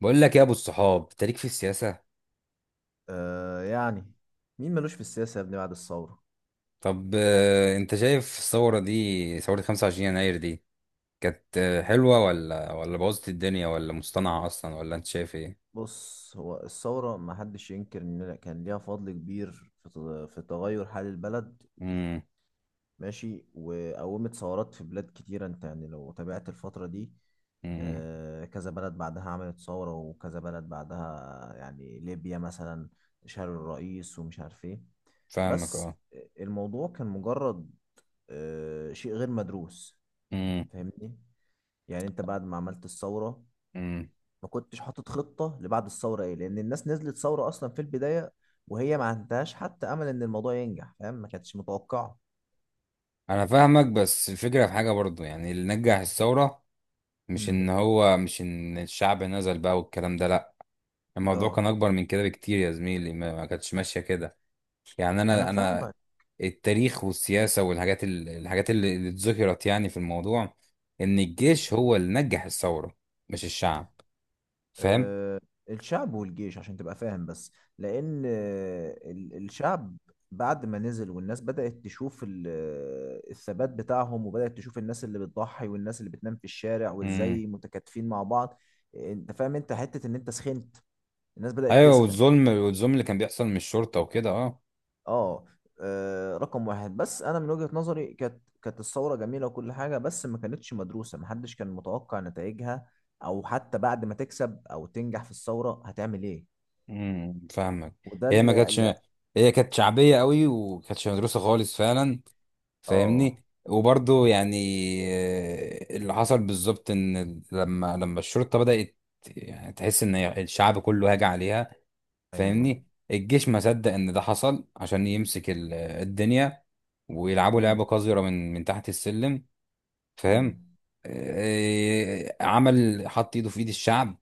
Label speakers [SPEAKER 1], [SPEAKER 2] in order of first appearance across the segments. [SPEAKER 1] بقول لك يا ابو الصحاب انت ليك في السياسه.
[SPEAKER 2] آه، يعني مين ملوش في السياسة يا ابني بعد الثورة.
[SPEAKER 1] طب انت شايف الثوره دي، ثوره 25 يناير دي كانت حلوه ولا بوظت الدنيا، ولا مصطنعه اصلا، ولا انت شايف ايه؟
[SPEAKER 2] بص، هو الثورة ما حدش ينكر إن كان ليها فضل كبير في في تغير حال البلد.
[SPEAKER 1] امم.
[SPEAKER 2] ماشي، وقومت ثورات في بلاد كتيرة، أنت يعني لو تابعت الفترة دي.
[SPEAKER 1] امم.
[SPEAKER 2] كذا بلد بعدها عملت ثورة وكذا بلد بعدها، يعني ليبيا مثلا، شال الرئيس ومش عارف إيه.
[SPEAKER 1] فاهمك
[SPEAKER 2] بس
[SPEAKER 1] اه.
[SPEAKER 2] الموضوع كان مجرد شيء غير مدروس.
[SPEAKER 1] امم.
[SPEAKER 2] فاهمني؟ يعني انت بعد ما عملت الثورة
[SPEAKER 1] امم.
[SPEAKER 2] ما كنتش حاطط خطة لبعد الثورة ايه، لان الناس نزلت ثورة اصلا في البداية، وهي ما عندهاش حتى امل ان الموضوع ينجح، فاهم؟ ما كانتش متوقعة.
[SPEAKER 1] انا فاهمك، بس الفكره في حاجه برضو، يعني اللي نجح الثوره مش ان
[SPEAKER 2] امم.
[SPEAKER 1] هو، مش ان الشعب نزل بقى والكلام ده، لا. الموضوع
[SPEAKER 2] اه.
[SPEAKER 1] كان اكبر من كده بكتير يا زميلي، ما كانتش ماشيه كده. يعني
[SPEAKER 2] انا
[SPEAKER 1] انا
[SPEAKER 2] فاهمك.
[SPEAKER 1] التاريخ والسياسه والحاجات الحاجات اللي اتذكرت يعني في الموضوع، ان الجيش هو اللي نجح الثوره، مش الشعب. فاهم.
[SPEAKER 2] أه. الشعب والجيش عشان تبقى فاهم بس. لان الشعب بعد ما نزل، والناس بدأت تشوف الثبات بتاعهم، وبدأت تشوف الناس اللي بتضحي والناس اللي بتنام في الشارع،
[SPEAKER 1] امم.
[SPEAKER 2] وازاي متكاتفين مع بعض. انت فاهم، انت حتة ان انت سخنت. الناس بدأت
[SPEAKER 1] ايوه،
[SPEAKER 2] تسخن.
[SPEAKER 1] والظلم، والظلم اللي كان بيحصل من الشرطه وكده اه.
[SPEAKER 2] اه. رقم واحد، بس انا من وجهة نظري كانت الثورة جميلة وكل حاجة، بس ما كانتش مدروسة، محدش كان متوقع نتائجها، او حتى بعد ما تكسب او تنجح في الثورة هتعمل ايه؟
[SPEAKER 1] امم. فاهمك.
[SPEAKER 2] وده
[SPEAKER 1] هي ما
[SPEAKER 2] اللي
[SPEAKER 1] كانتش،
[SPEAKER 2] اللي-
[SPEAKER 1] هي كانت شعبيه قوي وكانتش مدروسه خالص فعلا،
[SPEAKER 2] اه.
[SPEAKER 1] فاهمني. وبرضه يعني اللي حصل بالظبط ان لما الشرطه بدات يعني تحس ان الشعب كله هاجع عليها،
[SPEAKER 2] ايوه.
[SPEAKER 1] فاهمني. الجيش ما صدق ان ده حصل عشان يمسك الدنيا، ويلعبوا
[SPEAKER 2] امم.
[SPEAKER 1] لعبة قذرة من تحت السلم. فاهم.
[SPEAKER 2] امم.
[SPEAKER 1] عمل حط ايده في ايد الشعب،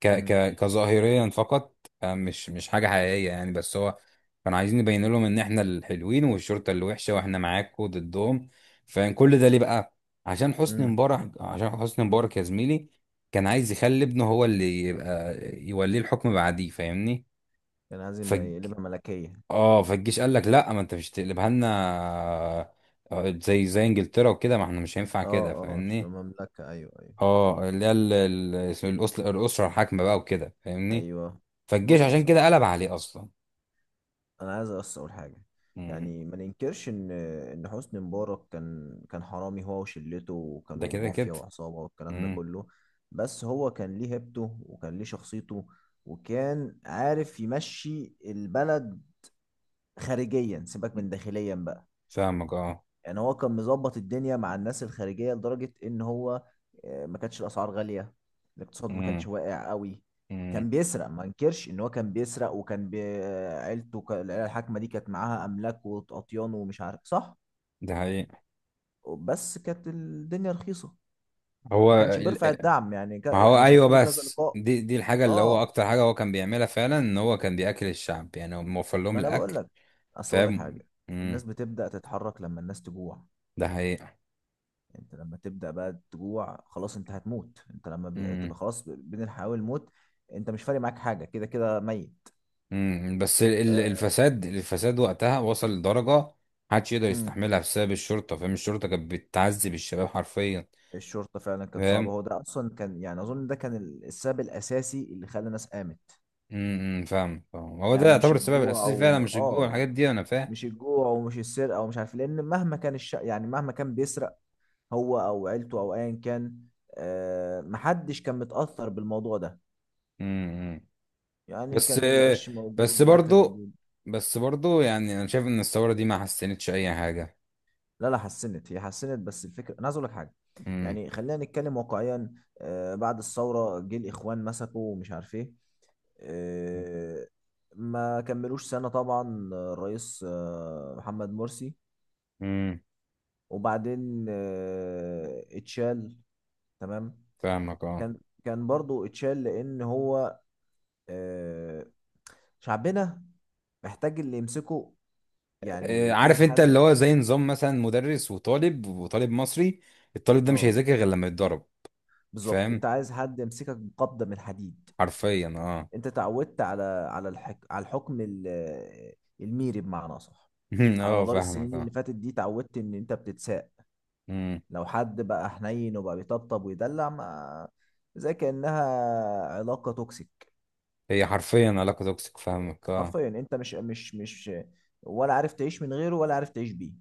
[SPEAKER 1] ك
[SPEAKER 2] امم.
[SPEAKER 1] ك كظاهريا فقط. مش حاجة حقيقية يعني، بس هو كانوا عايزين يبين لهم ان احنا الحلوين، والشرطة اللي وحشة، واحنا معاكم ضدهم. فكان كل ده ليه بقى؟ عشان حسني
[SPEAKER 2] امم.
[SPEAKER 1] مبارك، عشان حسني مبارك يا زميلي، كان عايز يخلي ابنه هو اللي يبقى، يوليه الحكم بعديه. فاهمني.
[SPEAKER 2] كان عايز يقلبها ملكية.
[SPEAKER 1] اه. فالجيش قال لك لا، ما انت مش تقلبها لنا زي انجلترا وكده، ما احنا مش هينفع كده.
[SPEAKER 2] اه، مش
[SPEAKER 1] فاهمني.
[SPEAKER 2] مملكة، ايوه، ايوه،
[SPEAKER 1] اه، اللي هي الاسره الحاكمه بقى وكده. فاهمني.
[SPEAKER 2] ايوه.
[SPEAKER 1] فالجيش
[SPEAKER 2] بص،
[SPEAKER 1] عشان
[SPEAKER 2] بص يا
[SPEAKER 1] كده
[SPEAKER 2] معلم.
[SPEAKER 1] قلب عليه اصلا.
[SPEAKER 2] انا عايز بس اقول حاجه.
[SPEAKER 1] امم.
[SPEAKER 2] يعني ما ننكرش ان حسني مبارك كان حرامي هو وشلته،
[SPEAKER 1] ده
[SPEAKER 2] وكانوا
[SPEAKER 1] كده كده.
[SPEAKER 2] مافيا وعصابه والكلام ده
[SPEAKER 1] امم.
[SPEAKER 2] كله. بس هو كان ليه هيبته وكان ليه شخصيته، وكان عارف يمشي البلد خارجيا، سيبك من داخليا بقى.
[SPEAKER 1] فاهمك اه.
[SPEAKER 2] يعني هو كان مظبط الدنيا مع الناس الخارجية لدرجة ان هو ما كانتش الاسعار غالية. الاقتصاد ما كانش
[SPEAKER 1] امم.
[SPEAKER 2] واقع قوي.
[SPEAKER 1] امم.
[SPEAKER 2] كان بيسرق، ما انكرش ان هو كان بيسرق، وكان بي... آه، عيلته، العيلة الحاكمة دي كانت معاها املاك واطيان ومش عارف صح.
[SPEAKER 1] ده حقيقي.
[SPEAKER 2] بس كانت الدنيا رخيصة،
[SPEAKER 1] هو
[SPEAKER 2] ما كانش بيرفع
[SPEAKER 1] ال-
[SPEAKER 2] الدعم يعني.
[SPEAKER 1] ما هو
[SPEAKER 2] انا
[SPEAKER 1] ايوه،
[SPEAKER 2] شفت له كذا
[SPEAKER 1] بس
[SPEAKER 2] لقاء.
[SPEAKER 1] دي الحاجه اللي هو
[SPEAKER 2] اه.
[SPEAKER 1] اكتر حاجه هو كان بيعملها فعلا، ان هو كان بياكل الشعب، يعني هو موفر لهم
[SPEAKER 2] ما انا بقول
[SPEAKER 1] الاكل.
[SPEAKER 2] لك. اصل اقول لك
[SPEAKER 1] فاهم.
[SPEAKER 2] حاجة. الناس
[SPEAKER 1] امم.
[SPEAKER 2] بتبدأ تتحرك لما الناس تجوع.
[SPEAKER 1] ده حقيقي.
[SPEAKER 2] انت لما تبدأ بقى تجوع خلاص انت هتموت، انت لما تبقى خلاص بين الحياة والموت، انت مش فارق معاك حاجة، كده كده ميت.
[SPEAKER 1] مم. بس
[SPEAKER 2] آه،
[SPEAKER 1] الفساد، الفساد وقتها وصل لدرجة محدش يقدر
[SPEAKER 2] امم
[SPEAKER 1] يستحملها، بسبب الشرطة. فاهم. الشرطة كانت بتعذب الشباب حرفيا.
[SPEAKER 2] الشرطة فعلا كانت صعبة،
[SPEAKER 1] فاهم.
[SPEAKER 2] هو ده اصلا كان، يعني اظن ده كان السبب الاساسي اللي خلى الناس قامت.
[SPEAKER 1] امم. فاهم. فاهم. هو ده
[SPEAKER 2] يعني مش
[SPEAKER 1] يعتبر السبب
[SPEAKER 2] الجوع،
[SPEAKER 1] الأساسي فعلا،
[SPEAKER 2] او
[SPEAKER 1] مش الجوع،
[SPEAKER 2] اه،
[SPEAKER 1] الحاجات دي. أنا فاهم.
[SPEAKER 2] مش الجوع ومش السرقة ومش عارف إيه، لان مهما كان يعني مهما كان بيسرق هو او عيلته او ايا كان، محدش كان متأثر بالموضوع ده.
[SPEAKER 1] امم.
[SPEAKER 2] يعني
[SPEAKER 1] بس،
[SPEAKER 2] كان العيش موجود
[SPEAKER 1] بس
[SPEAKER 2] والاكل
[SPEAKER 1] برضو،
[SPEAKER 2] موجود.
[SPEAKER 1] بس برضو يعني أنا شايف إن الثورة دي ما حسنتش أي حاجة.
[SPEAKER 2] لا، لا، حسنت، هي حسنت، بس الفكره انا عايز اقول لك حاجه.
[SPEAKER 1] امم.
[SPEAKER 2] يعني خلينا نتكلم واقعيا. بعد الثوره جه الاخوان مسكوا ومش عارف ايه. آه، ما كملوش سنه طبعا، الرئيس محمد مرسي،
[SPEAKER 1] امم.
[SPEAKER 2] وبعدين اتشال. تمام.
[SPEAKER 1] فاهمك اه.
[SPEAKER 2] كان برضو اتشال لان هو، آه، شعبنا محتاج اللي يمسكه، يعني يكون
[SPEAKER 1] عارف أنت اللي
[SPEAKER 2] حد.
[SPEAKER 1] هو زي نظام مثلا مدرس وطالب، وطالب مصري، الطالب ده مش
[SPEAKER 2] اه.
[SPEAKER 1] هيذاكر غير لما يتضرب.
[SPEAKER 2] بالظبط، انت
[SPEAKER 1] فاهم،
[SPEAKER 2] عايز حد يمسكك بقبضه من حديد.
[SPEAKER 1] حرفيا اه.
[SPEAKER 2] انت تعودت على على الحكم الميري بمعنى صح. على
[SPEAKER 1] اه
[SPEAKER 2] مدار
[SPEAKER 1] فاهمك
[SPEAKER 2] السنين اللي
[SPEAKER 1] اه.
[SPEAKER 2] فاتت دي تعودت ان انت بتتساق.
[SPEAKER 1] مم.
[SPEAKER 2] لو حد بقى حنين وبقى بيطبطب ويدلع، ما زي كأنها علاقة توكسيك.
[SPEAKER 1] هي حرفيا علاقة توكسيك. فاهمك اه.
[SPEAKER 2] حرفيا انت مش ولا عارف تعيش من غيره ولا عارف تعيش بيه.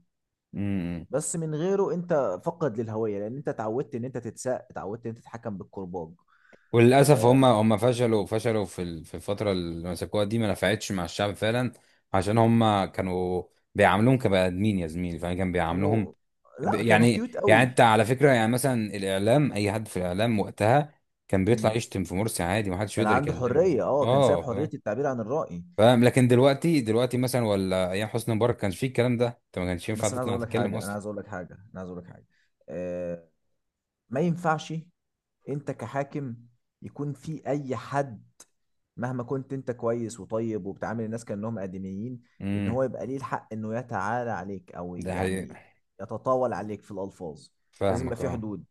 [SPEAKER 1] مم.
[SPEAKER 2] بس من غيره انت فقد للهوية، لان انت اتعودت ان انت تتساق، اتعودت ان انت تتحكم بالكرباج.
[SPEAKER 1] وللأسف
[SPEAKER 2] آه،
[SPEAKER 1] هم فشلوا، فشلوا في في الفترة اللي مسكوها دي، ما نفعتش مع الشعب فعلا. عشان هم كانوا بيعاملوهم كبني آدمين يا زميلي، فاهم؟ كان بيعاملوهم
[SPEAKER 2] كانوا، لا، كانوا
[SPEAKER 1] يعني،
[SPEAKER 2] كيوت
[SPEAKER 1] يعني
[SPEAKER 2] قوي.
[SPEAKER 1] انت على فكرة، يعني مثلا الإعلام، أي حد في الإعلام وقتها كان بيطلع
[SPEAKER 2] مم.
[SPEAKER 1] يشتم في مرسي عادي، ما حدش
[SPEAKER 2] كان
[SPEAKER 1] يقدر
[SPEAKER 2] عنده حرية.
[SPEAKER 1] يكلمه
[SPEAKER 2] اه. كان سايب
[SPEAKER 1] اه.
[SPEAKER 2] حرية
[SPEAKER 1] فاهم.
[SPEAKER 2] التعبير عن الرأي.
[SPEAKER 1] فاهم. لكن دلوقتي، مثلا، ولا أيام حسني مبارك، كانش فيه الكلام ده، انت ما كانش ينفع
[SPEAKER 2] بس
[SPEAKER 1] تطلع تتكلم أصلا.
[SPEAKER 2] انا عايز اقول لك حاجه. آه ما ينفعش انت كحاكم يكون في اي حد، مهما كنت انت كويس وطيب وبتعامل الناس كانهم ادميين، ان
[SPEAKER 1] امم.
[SPEAKER 2] هو يبقى ليه الحق انه يتعالى عليك، او
[SPEAKER 1] ده حقيقي.
[SPEAKER 2] يعني يتطاول عليك في الالفاظ. لازم يبقى
[SPEAKER 1] فاهمك
[SPEAKER 2] في
[SPEAKER 1] اه.
[SPEAKER 2] حدود.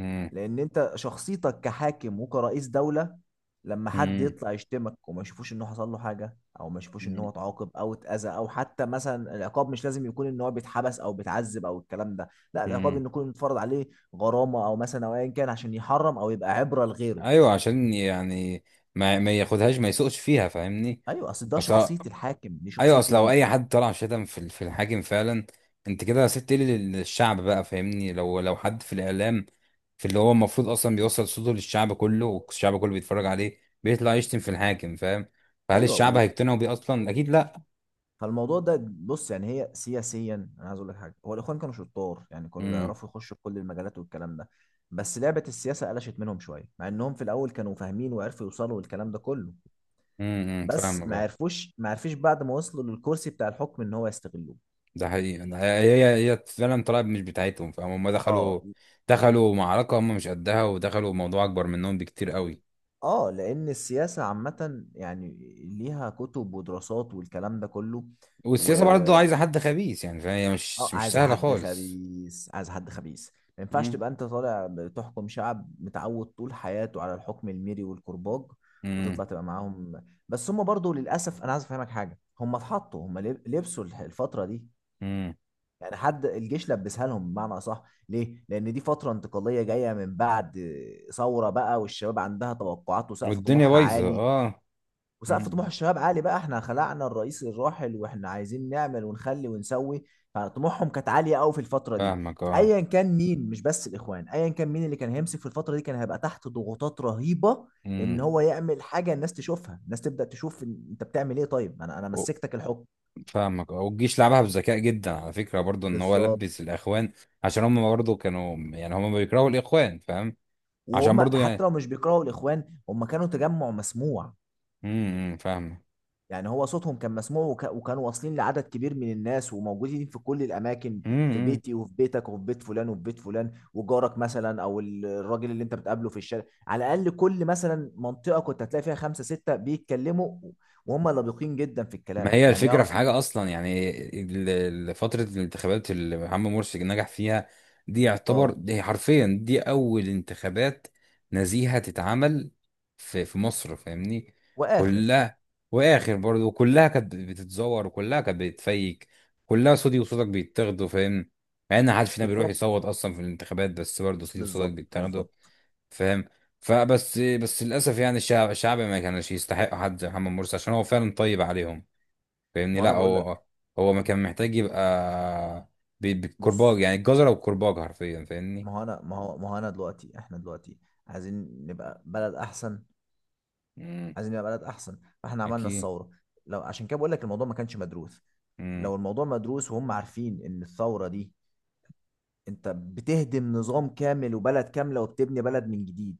[SPEAKER 1] امم.
[SPEAKER 2] لان انت شخصيتك كحاكم وكرئيس دولة، لما حد
[SPEAKER 1] امم.
[SPEAKER 2] يطلع يشتمك وما يشوفوش انه حصل له حاجة، او ما يشوفوش ان هو
[SPEAKER 1] امم.
[SPEAKER 2] اتعاقب او اتأذى، او حتى مثلا العقاب مش لازم يكون ان هو بيتحبس او بيتعذب او الكلام ده. لا، العقاب
[SPEAKER 1] أمم.
[SPEAKER 2] ان يكون متفرض عليه غرامة او مثلا، او ايا كان عشان يحرم او يبقى عبرة لغيره.
[SPEAKER 1] ايوه، عشان يعني ما ياخدهاش، ما يسوقش فيها. فاهمني.
[SPEAKER 2] ايوه، اصل ده
[SPEAKER 1] اصل،
[SPEAKER 2] شخصية الحاكم، دي
[SPEAKER 1] ايوه
[SPEAKER 2] شخصية
[SPEAKER 1] اصل لو اي حد طلع شتم في في الحاكم فعلا، انت كده سبت ايه للشعب بقى؟ فاهمني؟ لو حد في الاعلام، في اللي هو المفروض اصلا بيوصل صوته للشعب كله، والشعب كله بيتفرج عليه، بيطلع يشتم في الحاكم، فاهم؟ فهل الشعب
[SPEAKER 2] ايوه.
[SPEAKER 1] هيقتنعوا بيه اصلا؟ اكيد لا.
[SPEAKER 2] فالموضوع ده، بص يعني، هي سياسيا انا عايز اقول لك حاجه، هو الاخوان كانوا شطار، يعني كانوا
[SPEAKER 1] امم.
[SPEAKER 2] بيعرفوا يخشوا في كل المجالات والكلام ده. بس لعبه السياسه قلشت منهم شويه، مع انهم في الاول كانوا فاهمين وعرفوا يوصلوا للكلام ده كله.
[SPEAKER 1] امم. أمم.
[SPEAKER 2] بس
[SPEAKER 1] فاهمك آه.
[SPEAKER 2] ما عرفش بعد ما وصلوا للكرسي بتاع الحكم ان هو يستغلوه.
[SPEAKER 1] ده حقيقي. أنا- هي هي فعلا طلعت مش بتاعتهم. فاهم، هم
[SPEAKER 2] اه.
[SPEAKER 1] دخلوا، دخلوا معركة هم مش قدها، ودخلوا موضوع أكبر منهم بكتير قوي.
[SPEAKER 2] اه. لان السياسه عامه يعني ليها كتب ودراسات والكلام ده كله. و...
[SPEAKER 1] والسياسة برضه عايزة حد خبيث، يعني فهي
[SPEAKER 2] اه
[SPEAKER 1] مش
[SPEAKER 2] عايز
[SPEAKER 1] سهلة
[SPEAKER 2] حد
[SPEAKER 1] خالص.
[SPEAKER 2] خبيث، عايز حد خبيث. ما ينفعش
[SPEAKER 1] مم.
[SPEAKER 2] تبقى انت طالع بتحكم شعب متعود طول حياته على الحكم الميري والكرباج،
[SPEAKER 1] مم.
[SPEAKER 2] وتطلع تبقى معاهم. بس هم برضو للاسف، انا عايز افهمك حاجه، هم اتحطوا، هم لبسوا الفتره دي.
[SPEAKER 1] مم.
[SPEAKER 2] يعني حد الجيش لبسها لهم بمعنى اصح. ليه؟ لان دي فتره انتقاليه جايه من بعد ثوره بقى، والشباب عندها توقعات وسقف
[SPEAKER 1] والدنيا
[SPEAKER 2] طموحها
[SPEAKER 1] بايظة
[SPEAKER 2] عالي.
[SPEAKER 1] اه.
[SPEAKER 2] وسقف طموح
[SPEAKER 1] مم.
[SPEAKER 2] الشباب عالي بقى، احنا خلعنا الرئيس الراحل واحنا عايزين نعمل ونخلي ونسوي. فطموحهم كانت عاليه قوي في الفتره دي،
[SPEAKER 1] فاهمك اه.
[SPEAKER 2] فايا كان مين، مش بس الاخوان، ايا كان مين اللي كان هيمسك في الفتره دي كان هيبقى تحت ضغوطات رهيبه، ان
[SPEAKER 1] مم.
[SPEAKER 2] هو يعمل حاجه الناس تشوفها، الناس تبدا تشوف انت بتعمل ايه طيب، انا
[SPEAKER 1] و-
[SPEAKER 2] مسكتك الحكم.
[SPEAKER 1] فاهمك اه. والجيش لعبها بذكاء جدا على فكرة برضه، ان هو
[SPEAKER 2] بالظبط.
[SPEAKER 1] لبس الاخوان، عشان هم برضه كانوا، يعني هم بيكرهوا الاخوان. فاهم. عشان
[SPEAKER 2] وهم
[SPEAKER 1] برضه
[SPEAKER 2] حتى
[SPEAKER 1] يعني،
[SPEAKER 2] لو مش بيكرهوا الاخوان، هم كانوا تجمع مسموع.
[SPEAKER 1] امم.
[SPEAKER 2] يعني هو صوتهم كان مسموع، وكانوا واصلين لعدد كبير من الناس وموجودين في كل الاماكن. في
[SPEAKER 1] فاهمك.
[SPEAKER 2] بيتي وفي بيتك وفي بيت فلان وفي بيت فلان، وجارك مثلا، او الراجل اللي انت بتقابله في الشارع، على الاقل كل مثلا منطقه كنت هتلاقي فيها خمسه سته بيتكلموا، وهم لبقين جدا في
[SPEAKER 1] ما
[SPEAKER 2] الكلام،
[SPEAKER 1] هي
[SPEAKER 2] يعني
[SPEAKER 1] الفكرة في
[SPEAKER 2] يعرف.
[SPEAKER 1] حاجة أصلا، يعني فترة الانتخابات اللي محمد مرسي نجح فيها دي، يعتبر
[SPEAKER 2] اه.
[SPEAKER 1] دي حرفيا، دي أول انتخابات نزيهة تتعمل في مصر. فاهمني.
[SPEAKER 2] واخر.
[SPEAKER 1] كلها، وآخر برضه، وكلها كانت بتتزور، وكلها كانت بتفيك، كلها صوتي وصوتك بيتاخدوا، فاهم؟ مع إن محدش فينا بيروح
[SPEAKER 2] بالظبط،
[SPEAKER 1] يصوت أصلا في الانتخابات، بس برضه صوتي وصوتك
[SPEAKER 2] بالظبط،
[SPEAKER 1] بيتاخدوا.
[SPEAKER 2] بالظبط،
[SPEAKER 1] فاهم. فبس، بس للأسف يعني الشعب، الشعب ما كانش يستحق حد زي محمد مرسي، عشان هو فعلا طيب عليهم. فاهمني؟
[SPEAKER 2] ما انا
[SPEAKER 1] لا،
[SPEAKER 2] بقول
[SPEAKER 1] هو،
[SPEAKER 2] لك.
[SPEAKER 1] هو ما كان محتاج يبقى
[SPEAKER 2] بص،
[SPEAKER 1] بالكرباج، يعني الجزرة والكرباج حرفيا. فاهمني.
[SPEAKER 2] ما هو انا دلوقتي، احنا دلوقتي عايزين نبقى بلد احسن،
[SPEAKER 1] مم.
[SPEAKER 2] عايزين نبقى بلد احسن. فاحنا عملنا
[SPEAKER 1] أكيد.
[SPEAKER 2] الثوره، لو عشان كده بقول لك الموضوع ما كانش مدروس.
[SPEAKER 1] مم.
[SPEAKER 2] لو الموضوع مدروس وهم عارفين ان الثوره دي، انت بتهدم نظام كامل وبلد كامله وبتبني بلد من جديد.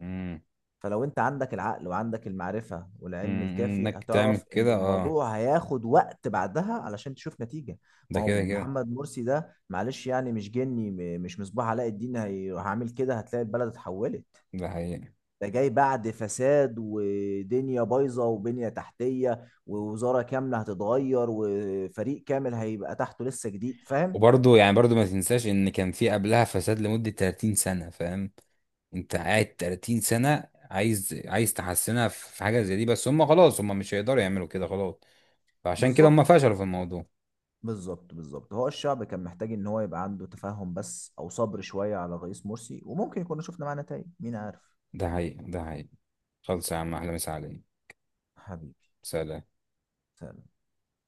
[SPEAKER 1] مم.
[SPEAKER 2] فلو انت عندك العقل وعندك المعرفه
[SPEAKER 1] مم.
[SPEAKER 2] والعلم الكافي،
[SPEAKER 1] إنك تعمل
[SPEAKER 2] هتعرف ان
[SPEAKER 1] كده اه.
[SPEAKER 2] الموضوع هياخد وقت بعدها علشان تشوف نتيجه.
[SPEAKER 1] ده
[SPEAKER 2] ما هو
[SPEAKER 1] كده كده.
[SPEAKER 2] محمد مرسي ده، معلش يعني، مش جني، مش مصباح علاء الدين، هعمل كده هتلاقي البلد اتحولت.
[SPEAKER 1] ده حقيقي.
[SPEAKER 2] ده جاي بعد فساد ودنيا بايظه وبنيه تحتيه، ووزاره كامله هتتغير وفريق كامل هيبقى تحته لسه جديد، فاهم؟
[SPEAKER 1] وبرضه يعني برضه ما تنساش إن كان في قبلها فساد لمدة 30 سنة. فاهم. أنت قاعد 30 سنة، عايز تحسنها في حاجة زي دي؟ بس هم خلاص، هم مش هيقدروا يعملوا كده خلاص. فعشان كده
[SPEAKER 2] بالظبط،
[SPEAKER 1] هم فشلوا في الموضوع.
[SPEAKER 2] بالظبط، بالظبط، هو الشعب كان محتاج ان هو يبقى عنده تفاهم بس، او صبر شويه على الرئيس مرسي، وممكن كنا شفنا معاه نتائج، مين عارف؟
[SPEAKER 1] ده حقيقي. ده حقيقي. خلص يا عم، أحلى مسا عليك.
[SPEAKER 2] حبيبي.
[SPEAKER 1] سلام.
[SPEAKER 2] سلام.